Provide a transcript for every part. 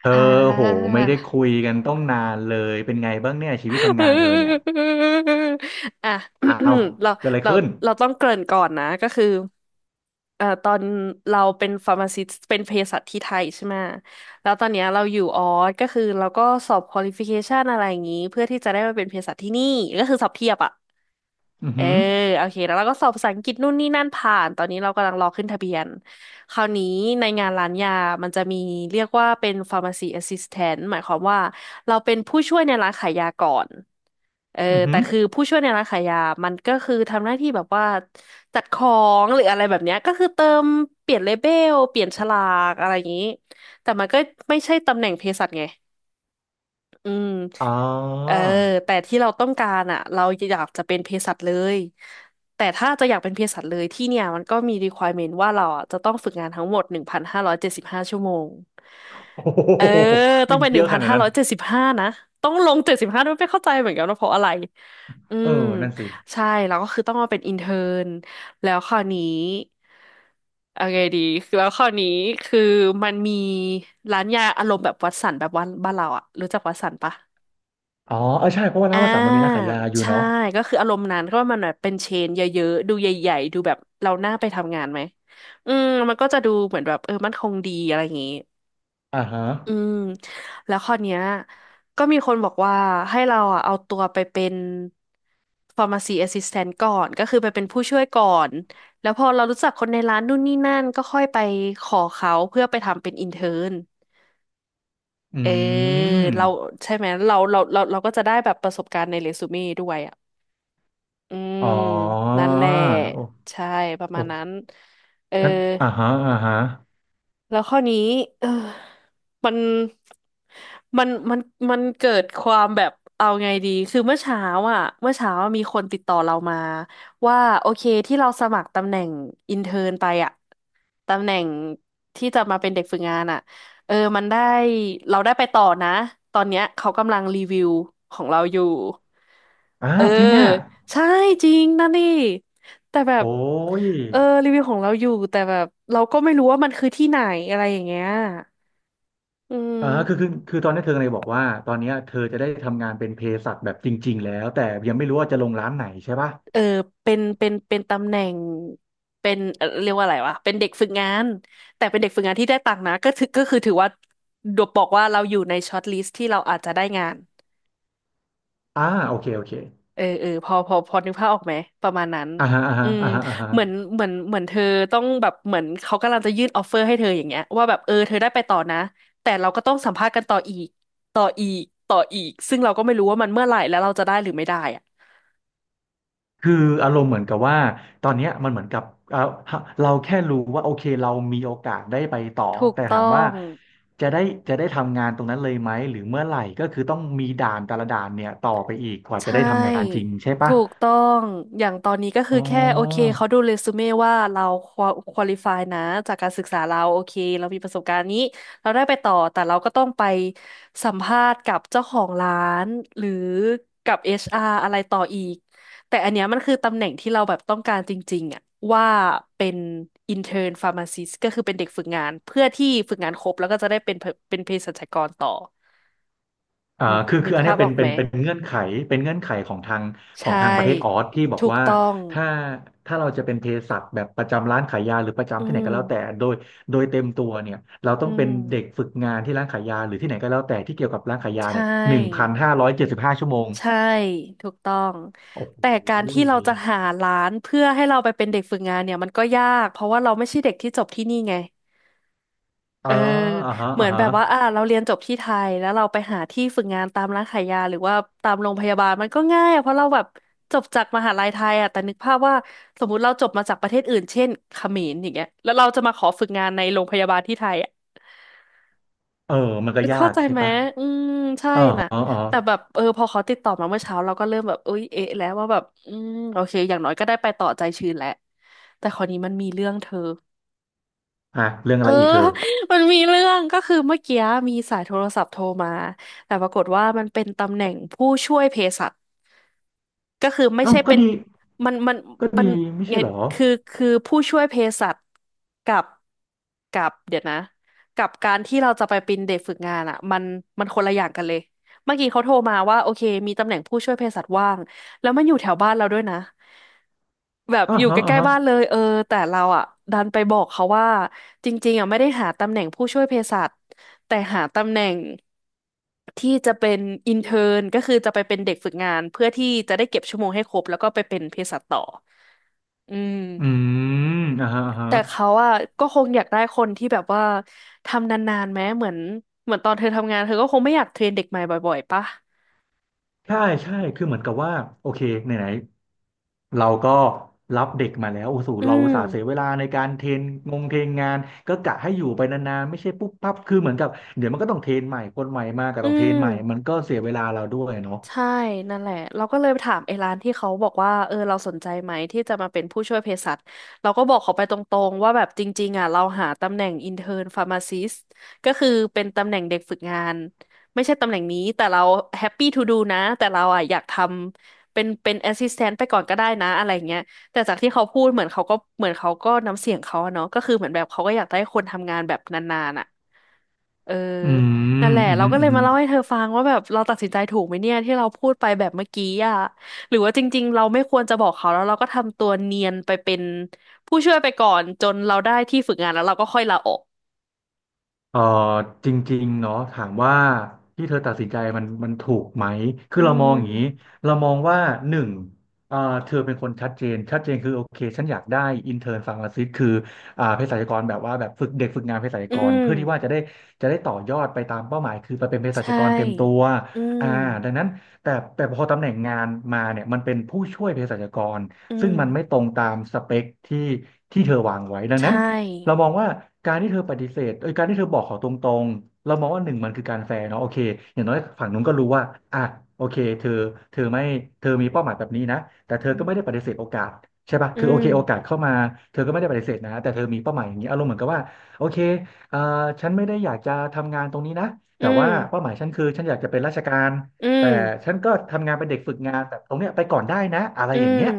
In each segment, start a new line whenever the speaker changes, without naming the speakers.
เธอ
ค่ะ
โหไม่ได้คุยกันต้องนานเลยเป็นไงบ้างเนี่ยชีวิตทำงานเธอเนี่ย
อ่ะ
อ้าว
เรา
เกิดอะไร
เรา
ขึ้น
เราต้องเกริ่นก่อนนะ ก็คือตอนเราเป็นฟาร์มาซิสต์เป็นเภสัชที่ไทยใช่ไหม แล้วตอนเนี้ยเราอยู่ออสก็คือเราก็สอบควอลิฟิเคชันอะไรอย่างนี้ เพื่อที่จะได้มาเป็นเภสัชที่นี่ก็คือสอบเทียบอ่ะ
อือ
เออ
หือ
โอเคแล้วเราก็สอบภาษาอังกฤษนู่นนี่นั่นผ่านตอนนี้เรากำลังรอขึ้นทะเบียนคราวนี้ในงานร้านยามันจะมีเรียกว่าเป็น pharmacy assistant หมายความว่าเราเป็นผู้ช่วยในร้านขายยาก่อนเออ
อือหื
แต่
อ
คือผู้ช่วยในร้านขายยามันก็คือทำหน้าที่แบบว่าจัดของหรืออะไรแบบเนี้ยก็คือเติมเปลี่ยนเลเบลเปลี่ยนฉลากอะไรอย่างนี้แต่มันก็ไม่ใช่ตำแหน่งเภสัชไง อืม
อ๋อ
เออแต่ที่เราต้องการอ่ะเราอยากจะเป็นเภสัชเลยแต่ถ้าจะอยากเป็นเภสัชเลยที่เนี่ยมันก็มี requirement ว่าเราอ่ะจะต้องฝึกงานทั้งหมด1,575 ชั่วโมง
โอ้โห
เออต้อ
ไม่
งเป็นห
เย
นึ่ง
อะข
พัน
นาด
ห้า
นั้น
ร้อยเจ็ดสิบห้านะต้องลงเจ็ดสิบห้าด้วยไม่เข้าใจเหมือนกันว่าเพราะอะไรอื
เออ
ม
นั่นสิ
ใช่แล้วก็คือต้องมาเป็นอินเทอร์นแล้วคราวนี้เอาไงดีคือแล้วคราวนี้คือมันมีร้านยาอารมณ์แบบวัดสันแบบวันบ้านเราอะรู้จักวัดสันปะ
อ๋อเออใช่เพราะว่า
อ่
ร้านวสันต์มันมี
า
ร้านขายยาอยู่
ใช่
เนาะ
ก็คืออารมณ์นั้นก็มันแบบเป็นเชนเยอะๆดูใหญ่ๆดูแบบเราน่าไปทำงานไหมอืมมันก็จะดูเหมือนแบบเออมั่นคงดีอะไรอย่างงี้
อ่าฮะ
อืมแล้วข้อเนี้ยก็มีคนบอกว่าให้เราอ่ะเอาตัวไปเป็น pharmacy assistant ก่อนก็คือไปเป็นผู้ช่วยก่อนแล้วพอเรารู้จักคนในร้านนู่นนี่นั่นก็ค่อยไปขอเขาเพื่อไปทำเป็น intern เท n ร์
อื
เออเรา
ม
ใช่ไหมเราก็จะได้แบบประสบการณ์ในเรซูเม่ด้วยอ่ะ อืม
อ๋อ
นั่นแหละ
โอ้
ใช่ประ
โอ้
มาณนั้นเออ
นั่นอ่าฮะอ่าฮะ
แล้วข้อนี้เออมันมันมันเกิดความแบบเอาไงดีคือเมื่อเช้าอ่ะเมื่อเช้ามีคนติดต่อเรามาว่าโอเคที่เราสมัครตำแหน่งอินเทิร์นไปอ่ะ ตำแหน่งที่จะมาเป็นเด็กฝึกงานอ่ะเออมันได้เราได้ไปต่อนะตอนเนี้ยเขากำลังรีวิวของเราอยู่
อ่า
เออ
จริงอ่ะ
ใช่จริงนะนี่แต่แบบ
โอ้ย
เออรีวิวของเราอยู่แต่แบบเราก็ไม่รู้ว่ามันคือที่ไหนอะไรอย่างเงี้ยอื
อ่า
ม
คือตอนนี้เธอเลยบอกว่าตอนเนี้ยเธอจะได้ทำงานเป็นเภสัชแบบจริงๆแล้วแต่ยังไม่รู้ว่าจะลงร้านไหนใช่ปะ
เออเป็นตำแหน่ง เป็นเรียกว่าอะไรวะเป็นเด็กฝึกงานแต่เป็นเด็กฝึกงานที่ได้ตังค์นะก็ถือก็คือถือว่าดวบอกว่าเราอยู่ในช็อตลิสต์ที่เราอาจจะได้งาน
อ่าโอเคโอเค
เออเออพอนึกภาพออกไหมประมาณนั้น
อ่าฮะอ่า
อื
ฮะ
ม
อ่าฮะอ่าฮะ
เหมือนเธอต้องแบบเหมือนเขากำลังจะยื่นออฟเฟอร์ให้เธออย่างเงี้ยว่าแบบเออเธอได้ไปต่อนะแต่เราก็ต้องสัมภาษณ์กันต่ออีกต่ออีกต่ออีกซึ่งเราก็ไม่รู้ว่ามันเมื่อไหร่แล้วเราจะได้หรือไม่ได้อะ
คืออารมณ์เหมือนกับว่าตอนเนี้ยมันเหมือนกับเอ่าเราแค่รู้ว่าโอเคเรามีโอกาสได้ไปต่อ
ถูก
แต่
ต้
ถา
อ
มว่า
ง
จะได้จะได้ทำงานตรงนั้นเลยไหมหรือเมื่อไหร่ก็คือต้องมีด่านแต่ละด่านเนี่ยต่อไปอีกกว่า
ใช
จะได้ทำงานจริ
่
งใช่ปะ
ถูกต้องอย่างตอนนี้ก็คื
อ๋
อ
อ
แค่โอเคเขาดูเรซูเม่ว่าเราควอลิฟายนะจากการศึกษาเราโอเคเรามีประสบการณ์นี้เราได้ไปต่อแต่เราก็ต้องไปสัมภาษณ์กับเจ้าของร้านหรือกับ HR อชอาร์อะไรต่ออีกแต่อันเนี้ยมันคือตำแหน่งที่เราแบบต้องการจริงๆอะว่าเป็น intern pharmacist ก็คือเป็นเด็กฝึกงานเพื่อที่ฝึกงานครบแล้วก็จะได้เป็นเป็นเภสัชกรต่อ
อ่า
นึก
คือ
นึ
คื
ก
ออัน
ภา
เนี้ย
พออกไหม
เป็นเงื่อนไขเป็นเงื่อนไขของทาง
ใช
ของทางประเทศออ
่
สที่บอก
ถูก
ว่า
ต้อง
ถ้าถ้าเราจะเป็นเภสัชแบบประจำร้านขายยาหรือประ
อื
จำที่ไหน
ม
ก็แล้วแต่โดยโดยเต็มตัวเนี่ยเรา
อื
ต้องเป็น
ม
เด็กฝึกงานที่ร้านขายยาหรือที่ไหนก็แล้วแต่ที่เกี่ยวกับร้านขายยา
ใช
เนี่ยหนึ่งพัน
่
ห้าร้อยเจ็ดสิบห้าชั่วโมง
ใช่ถูกต้อง
โอ้โห
แต่การที่เราจะหาร้านเพื่อให้เราไปเป็นเด็กฝึกงานเนี่ยมันก็ยากเพราะว่าเราไม่ใช่เด็กที่จบที่นี่ไง
อ๋
เอ
อ
อ
อ่าฮะ
เหมื
อ่า
อน
ฮะ
แบบว่าอ่าเราเรียนจบที่ไทยแล้วเราไปหาที่ฝึกงานตามร้านขายยาหรือว่าตามโรงพยาบาลมันก็ง่ายอะเพราะเราแบบจบจากมหาลัยไทยอะแต่นึกภาพว่าสมมุติเราจบมาจากประเทศอื่นเช่นเขมรอย่างเงี้ยแล้วเราจะมาขอฝึกงานในโรงพยาบาลที่ไทยอะ
เออมันก็ยา
เข้า
ก
ใจ
ใช่
ไหม
ปะ
อืมใช่
อ๋อ
น่ะ
อ๋ออ๋อ
แต่แบบพอเขาติดต่อมาเมื่อเช้าเราก็เริ่มแบบเอ้ยเอ๊ะแล้วว่าแบบอืมโอเคอย่างน้อยก็ได้ไปต่อใจชื้นแหละแต่คราวนี้มันมีเรื่องเธอ
อ่ะเรื่อง
เอ
อะ
อ
ไรอีกเธอ
มันมีเรื่องก็คือเมื่อกี้มีสายโทรศัพท์โทรมาแต่ปรากฏว่ามันเป็นตำแหน่งผู้ช่วยเภสัช ก็คือไม่
เอ้า
ใช่
ก็
เป็น
ดี
มันมัน
ก็
มัน
ดีไม่
ไง
ใช่เหรอ
คือคือผู้ช่วยเภสัชกับกับเดี๋ยวนะกับการที่เราจะไปเป็นเด็กฝึกงานอ่ะมันคนละอย่างกันเลยเมื่อกี้เขาโทรมาว่าโอเคมีตำแหน่งผู้ช่วยเภสัชว่างแล้วมันอยู่แถวบ้านเราด้วยนะแบบ
อ่า
อยู่
ฮะ
ใก
อ่า
ล้
ฮะ
ๆบ้านเลยเออแต่เราอ่ะดันไปบอกเขาว่าจริงๆอ่ะไม่ได้หาตำแหน่งผู้ช่วยเภสัช แต่หาตำแหน่งที่จะเป็นอินเทอร์นก็คือจะไปเป็นเด็กฝึกงานเพื่อที่จะได้เก็บชั่วโมงให้ครบแล้วก็ไปเป็นเภสัชต่ออืม
อืมอ่าฮะอ่าฮะ
แต่เขาอะก็คงอยากได้คนที่แบบว่าทำนานๆแม้เหมือนตอนเธอทำงานเธอก็คงไม่อยากเทรนเด็กใหม่บ่อยๆปะ
ใช่ใช่คือเหมือนกับว่าโอเคไหนๆเราก็รับเด็กมาแล้วโอ้โห
อื
เราอุต
ม
ส่าห์เสียเวลาในการเทรนงงเทรนงานก็กะให้อยู่ไปนานๆไม่ใช่ปุ๊บปั๊บคือเหมือนกับเดี๋ยวมันก็ต้องเทรนใหม่คนใหม่มาก็
อื
ต้องเทรนใหม่มัน
ม
ก็เสียเวลาเราด้วยเนาะ
ใช่นั่นแหละเราก็เลยไปถามไอ้ร้านที่เขาบอกว่าเออเราสนใจไหมที่จะมาเป็นผู้ช่วยเภสัชเราก็บอกเขาไปตรงๆว่าแบบจริงๆอ่ะเราหาตำแหน่งอินเท n p h นฟาร์มาซิสก็คือเป็นตำแหน่งเด็กฝึกงานไม่ใช่ตำแหน่งนี้แต่เราแฮปปี้ทูดูนะแต่เราอ่ะอยากทำเป็นแอสซิสแตนต์ไปก่อนก็ได้นะอะไรเงี้ยแต่จากที่เขาพูดเหมือนเขาก็เหมือนเขาก็น้ำเสียงเขาอะเนาะก็คือเหมือนแบบเขาก็อยากได้คนทำงานแบบนานๆอ่ะเออ
อื
นั่
ม
นแหละ
อื
เรา
ม
ก็เล
อื
ย
ม
มาเล่าให้เธอฟังว่าแบบเราตัดสินใจถูกไหมเนี่ยที่เราพูดไปแบบเมื่อกี้อ่ะหรือว่าจริงๆเราไม่ควรจะบอกเขาแล้วเราก็ทำตัวเนียนไปเป็นผู้ช่วยไปก่อนจนเราได้ที่ฝึกงานแล้วเราก็ค่อยลาออก
เออจริงๆเนาะถามว่าที่เธอตัดสินใจมันมันถูกไหมคื
อื
อเรามอ
ม
งอย่างนี้เรามองว่าหนึ่งเออเธอเป็นคนชัดเจนชัดเจนคือโอเคฉันอยากได้อินเท n ร์นฟาร์มาซิสคืออ่าเภสัชกรแบบว่าแบบฝึกเด็กฝึกงานเภสัช
อื
กร
ม
เพื่อที่ว่าจะได้ต่อยอดไปตามเป้าหมายคือไปเป็นเภ
ใช
สัชกรเต็มตัว
่อื
อ่า
ม
ดังนั้นแต่พอตำแหน่งงานมาเนี่ยมันเป็นผู้ช่วยเภสัชกร
อื
ซึ่งมันไม่ต
ม
รงตามสเปคที่เธอวางไว้ดัง
ใช
นั้น เรา
่
มองว่าการที่เธอปฏิเสธเอ้ยการที่เธอบอกเขาตรงๆเรามองว่าหนึ่งมันคือการแฟร์เนาะโอเคอย่างน้อยฝั่งนู้นก็รู้ว่าอ่ะโอเคเธอเธอไม่เธอมีเป้าหมายแบบนี้นะแต่เธอ
อื
ก็
ม
ไม่ได้ปฏิเสธโอกาสใช่ปะ
อื
คือโอเค
ม
โอกาสเข้ามาเธอก็ไม่ได้ปฏิเสธนะแต่เธอมีเป้าหมายอย่างนี้อารมณ์เหมือนกับว่าโอเคเอ่อฉันไม่ได้อยากจะทำงานตรงนี้นะ
อื
แต่
ม
ว่าเป้าหมายฉันคือฉันอยากจะเป็นราชการ
อื
แต่
ม
ฉันก็ทำงานเป็นเด็กฝึกงานแต่ตรงเนี้ยไปก่อนได้นะอะไร
อื
อย่างเงี้
ม
ย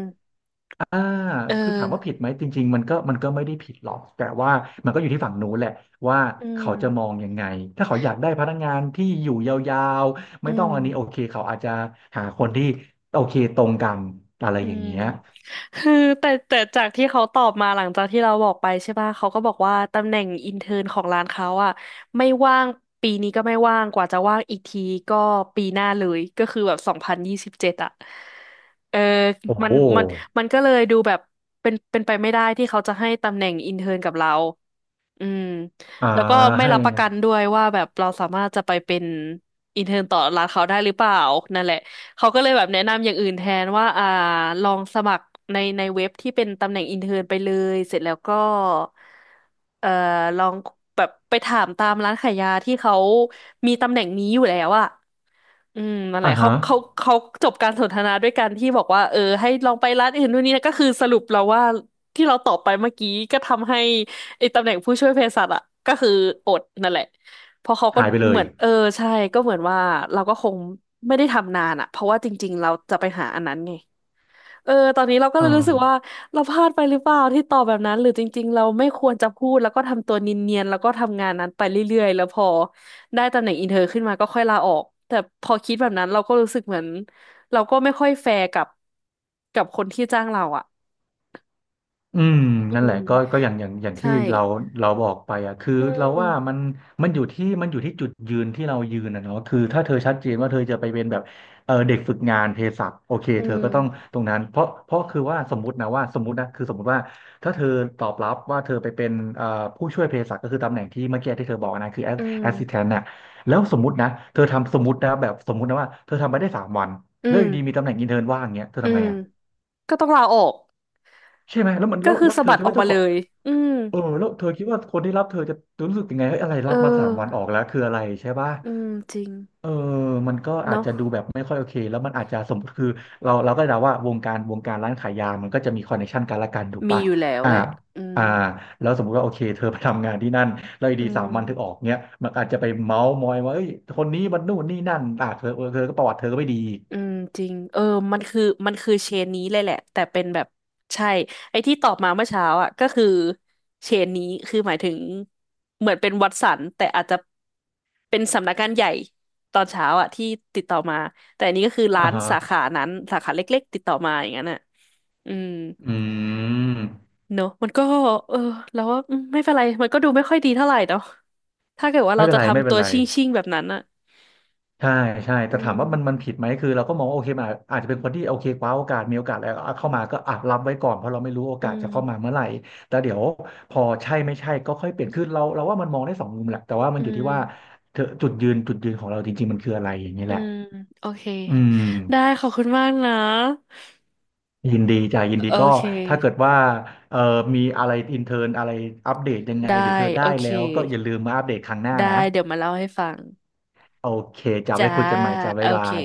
อ่า
เอ
คือถามว่าผิ
อ
ดไหม จริงๆมันก็มันก็ไม่ได้ผิดหรอก แต่ว่ามันก็อยู่ที่ฝั่งนู้นแหละว่า
อื
เขาจะมอ
ม
งยังไง ถ้าเขาอยากได้พนักงานที่อยู่ยาวๆ
อื
ไม่ต้อง
ม
อันนี้โอเคเขาอาจจะหาคนที่โอเคตรงกันอะไร
อื
อย่าง
ม
เงี้ย
คือแต่จากที่เขาตอบมาหลังจากที่เราบอกไปใช่ป่ะเขาก็บอกว่าตำแหน่งอินเทิร์นของร้านเขาอ่ะไม่ว่างปีนี้ก็ไม่ว่างกว่าจะว่างอีกทีก็ปีหน้าเลยก็คือแบบ2027อ่ะเออ
โอ้
มั
โห
นมันมันก็เลยดูแบบเป็นไปไม่ได้ที่เขาจะให้ตำแหน่งอินเทิร์นกับเรา อืม
อ่า
แล้วก็ไม่
ให้
รับประกันด้วยว่าแบบเราสามารถจะไปเป็นอินเทอร์นต่อร้านเขาได้หรือเปล่านั่นแหละเขาก็เลยแบบแนะนำอย่างอื่นแทนว่าอ่าลองสมัครในเว็บที่เป็นตำแหน่งอินเทอร์นไปเลยเสร็จแล้วก็เอ่อลองแบบไปถามตามร้านขายยาที่เขามีตำแหน่งนี้อยู่แล้วอะอืมนั่นแห
อ่า
ละเขา
ฮะ
เขาเขาจบการสนทนาด้วยกันที่บอกว่าเออให้ลองไปร้านอื่นนู่นนี่นะก็คือสรุปเราว่าที่เราตอบไปเมื่อกี้ก็ทำให้ ไอ้ตำแหน่งผู้ช่วยเภสัชอะก็คืออดนั่นแหละเพราะเขาก็
หายไปเล
เหมื
ย
อนเออใช่ก็เหมือนว่าเราก็คงไม่ได้ทำนานอะเพราะว่าจริงๆเราจะไปหาอันนั้นไงเออตอนนี้เราก็
เอ
เลยรู้สึ
อ
กว่าเราพลาดไปหรือเปล่าที่ตอบแบบนั้นหรือจริงๆเราไม่ควรจะพูดแล้วก็ทำตัวเนียนๆแล้วก็ทำงานนั้นไปเรื่อยๆแล้วพอได้ตำแหน่งอินเทอร์ขึ้นมาก็ค่อยลาออกแต่พอคิดแบบนั้นเราก็รู้สึกเหมือนเราก็ไม่ค่อยแฟร์กับคนที่จ้างเราอะ
อืมนั่น
อื
แหละ
ม
ก็ก็อย่าง
ใช่
ที่เราบอกไปอ่ะคือ
อื
เรา
ม
ว่ามันอยู่ที่จุดยืนที่เรายืนนะเนาะคือถ้าเธอชัดเจนว่าเธอจะไปเป็นแบบเออเด็กฝึกงานเภสัชโอเค
อื
เธอก็ต้อง
ม
ตรงนั้นเพราะคือว่าสมมติว่าถ้าเธอตอบรับว่าเธอไปเป็นเอ่อผู้ช่วยเภสัชก็คือตำแหน่งที่เมื่อกี้ที่เธอบอกนะคือแอส
อื
s s
ม
i s t a n t นต์น่ะแล้วสมมตินะเธอทำสมมตินะแบบสมมตินะว่าเธอทำไปได้สามวัน
อื
แล้ว
ม
อยู่ดีมีตำแหน่งอินเทิร์นว่างเงี้ยเธอ
อื
ทำไง
ม
อ่ะ
ก็ต้องลาออก
ใช่ไหมแล้วมัน
ก็
แล้ว
คือ
แล้ว
สะ
เธอ
บัด
คิด
ออ
ว่า
กมา
เจ้าข
เล
อง
ยอืม
เออแล้วเธอคิดว่าคนที่รับเธอจะรู้สึกยังไงเฮ้ยอะไร
เอ
รับมาสามวันออ
อ
กแล้วคืออะไรใช่ป่ะ
อืมจริง
เออมันก็อาจ
เนาะ
จะดูแบบไม่ค่อยโอเคแล้วมันอาจจะสมมติคือเราเราก็เดาว่าวงการร้านขายยามันก็จะมีคอนเนคชันกันละกันถูก
มี
ป่ะ
อยู่แล้ว
อ่า
แหละอืม
อ่าแล้วสมมติว่าโอเคเธอไปทำงานที่นั่นแล้วอยู่
อื
ดีสาม
ม
วันเธอออกเนี้ยมันอาจจะไปเมาส์มอยว่าเอ้ยคนนี้มันนู่นนี่นั่นอ่ะเธอเออเธอก็ประวัติเธอก็ไม่ดีอีก
อืมจริงเออมันคือมันคือเชนนี้เลยแหละแต่เป็นแบบใช่ไอ้ที่ตอบมาเมื่อเช้าอ่ะก็คือเชนนี้คือหมายถึง เหมือนเป็นวัตสันแต่อาจจะเป็นสำนักงานใหญ่ตอนเช้าอ่ะที่ติดต่อมาแต่อันนี้ก็คือร้า
อ่า
น
ฮะ
สาขานั้นสาขาเล็กๆติดต่อมาอย่างนั้นอ่ะอืม
อืม
เนอะมันก็เออแล้วว่าอืมไม่เป็นไรมันก็ดูไม่ค่อยดีเท่าไหร่เนาะถ้าเกิดว่า
ไม่
เรา
เป็น
จะ
ไรไม่
ทำ
เป็
ตั
น
ว
ไร
ชิ่งชิ่งแบบนั้นอะ
ใช่ใช่
อื
แต่ถาม
ม
ว่ามันมันผิดไหมคือเราก็มองว่าโอเคมันอาจจะเป็นคนที่โอเคคว้าโอกาสมีโอกาสแล้วเอาเข้ามาก็อ่ะรับไว้ก่อนเพราะเราไม่รู้โอ
อื
กาส
ม
จะเข้ามาเมื่อไหร่แต่เดี๋ยวพอใช่ไม่ใช่ก็ค่อยเปลี่ยนคือเราเราว่ามันมองได้สองมุมแหละแต่ว่ามั
อื
นอยู่
ม
ที่ว่าเธอจุดยืนของเราจริงๆมันคืออะไรอย่างนี้
อื
แหละ
มโอเค
อืม
ได้ขอบคุณมากนะ
ยินดีจ้ะยินดี
โอ
ก็
เค
ถ้าเกิดว่าเอ่อมีอะไรอินเทอร์อะไรอัปเดตยังไง
ได้
หรือเธอได้
โอเค
แล้วก็อย่าลืมมาอัปเดตครั้งหน้า
ได้
นะ
เดี๋ยวมาเล่าให้ฟัง
โอเคจะไว้
จ้า
คุยกันใหม่จ้ะ
โอ
บ๊ายบา
เค
ย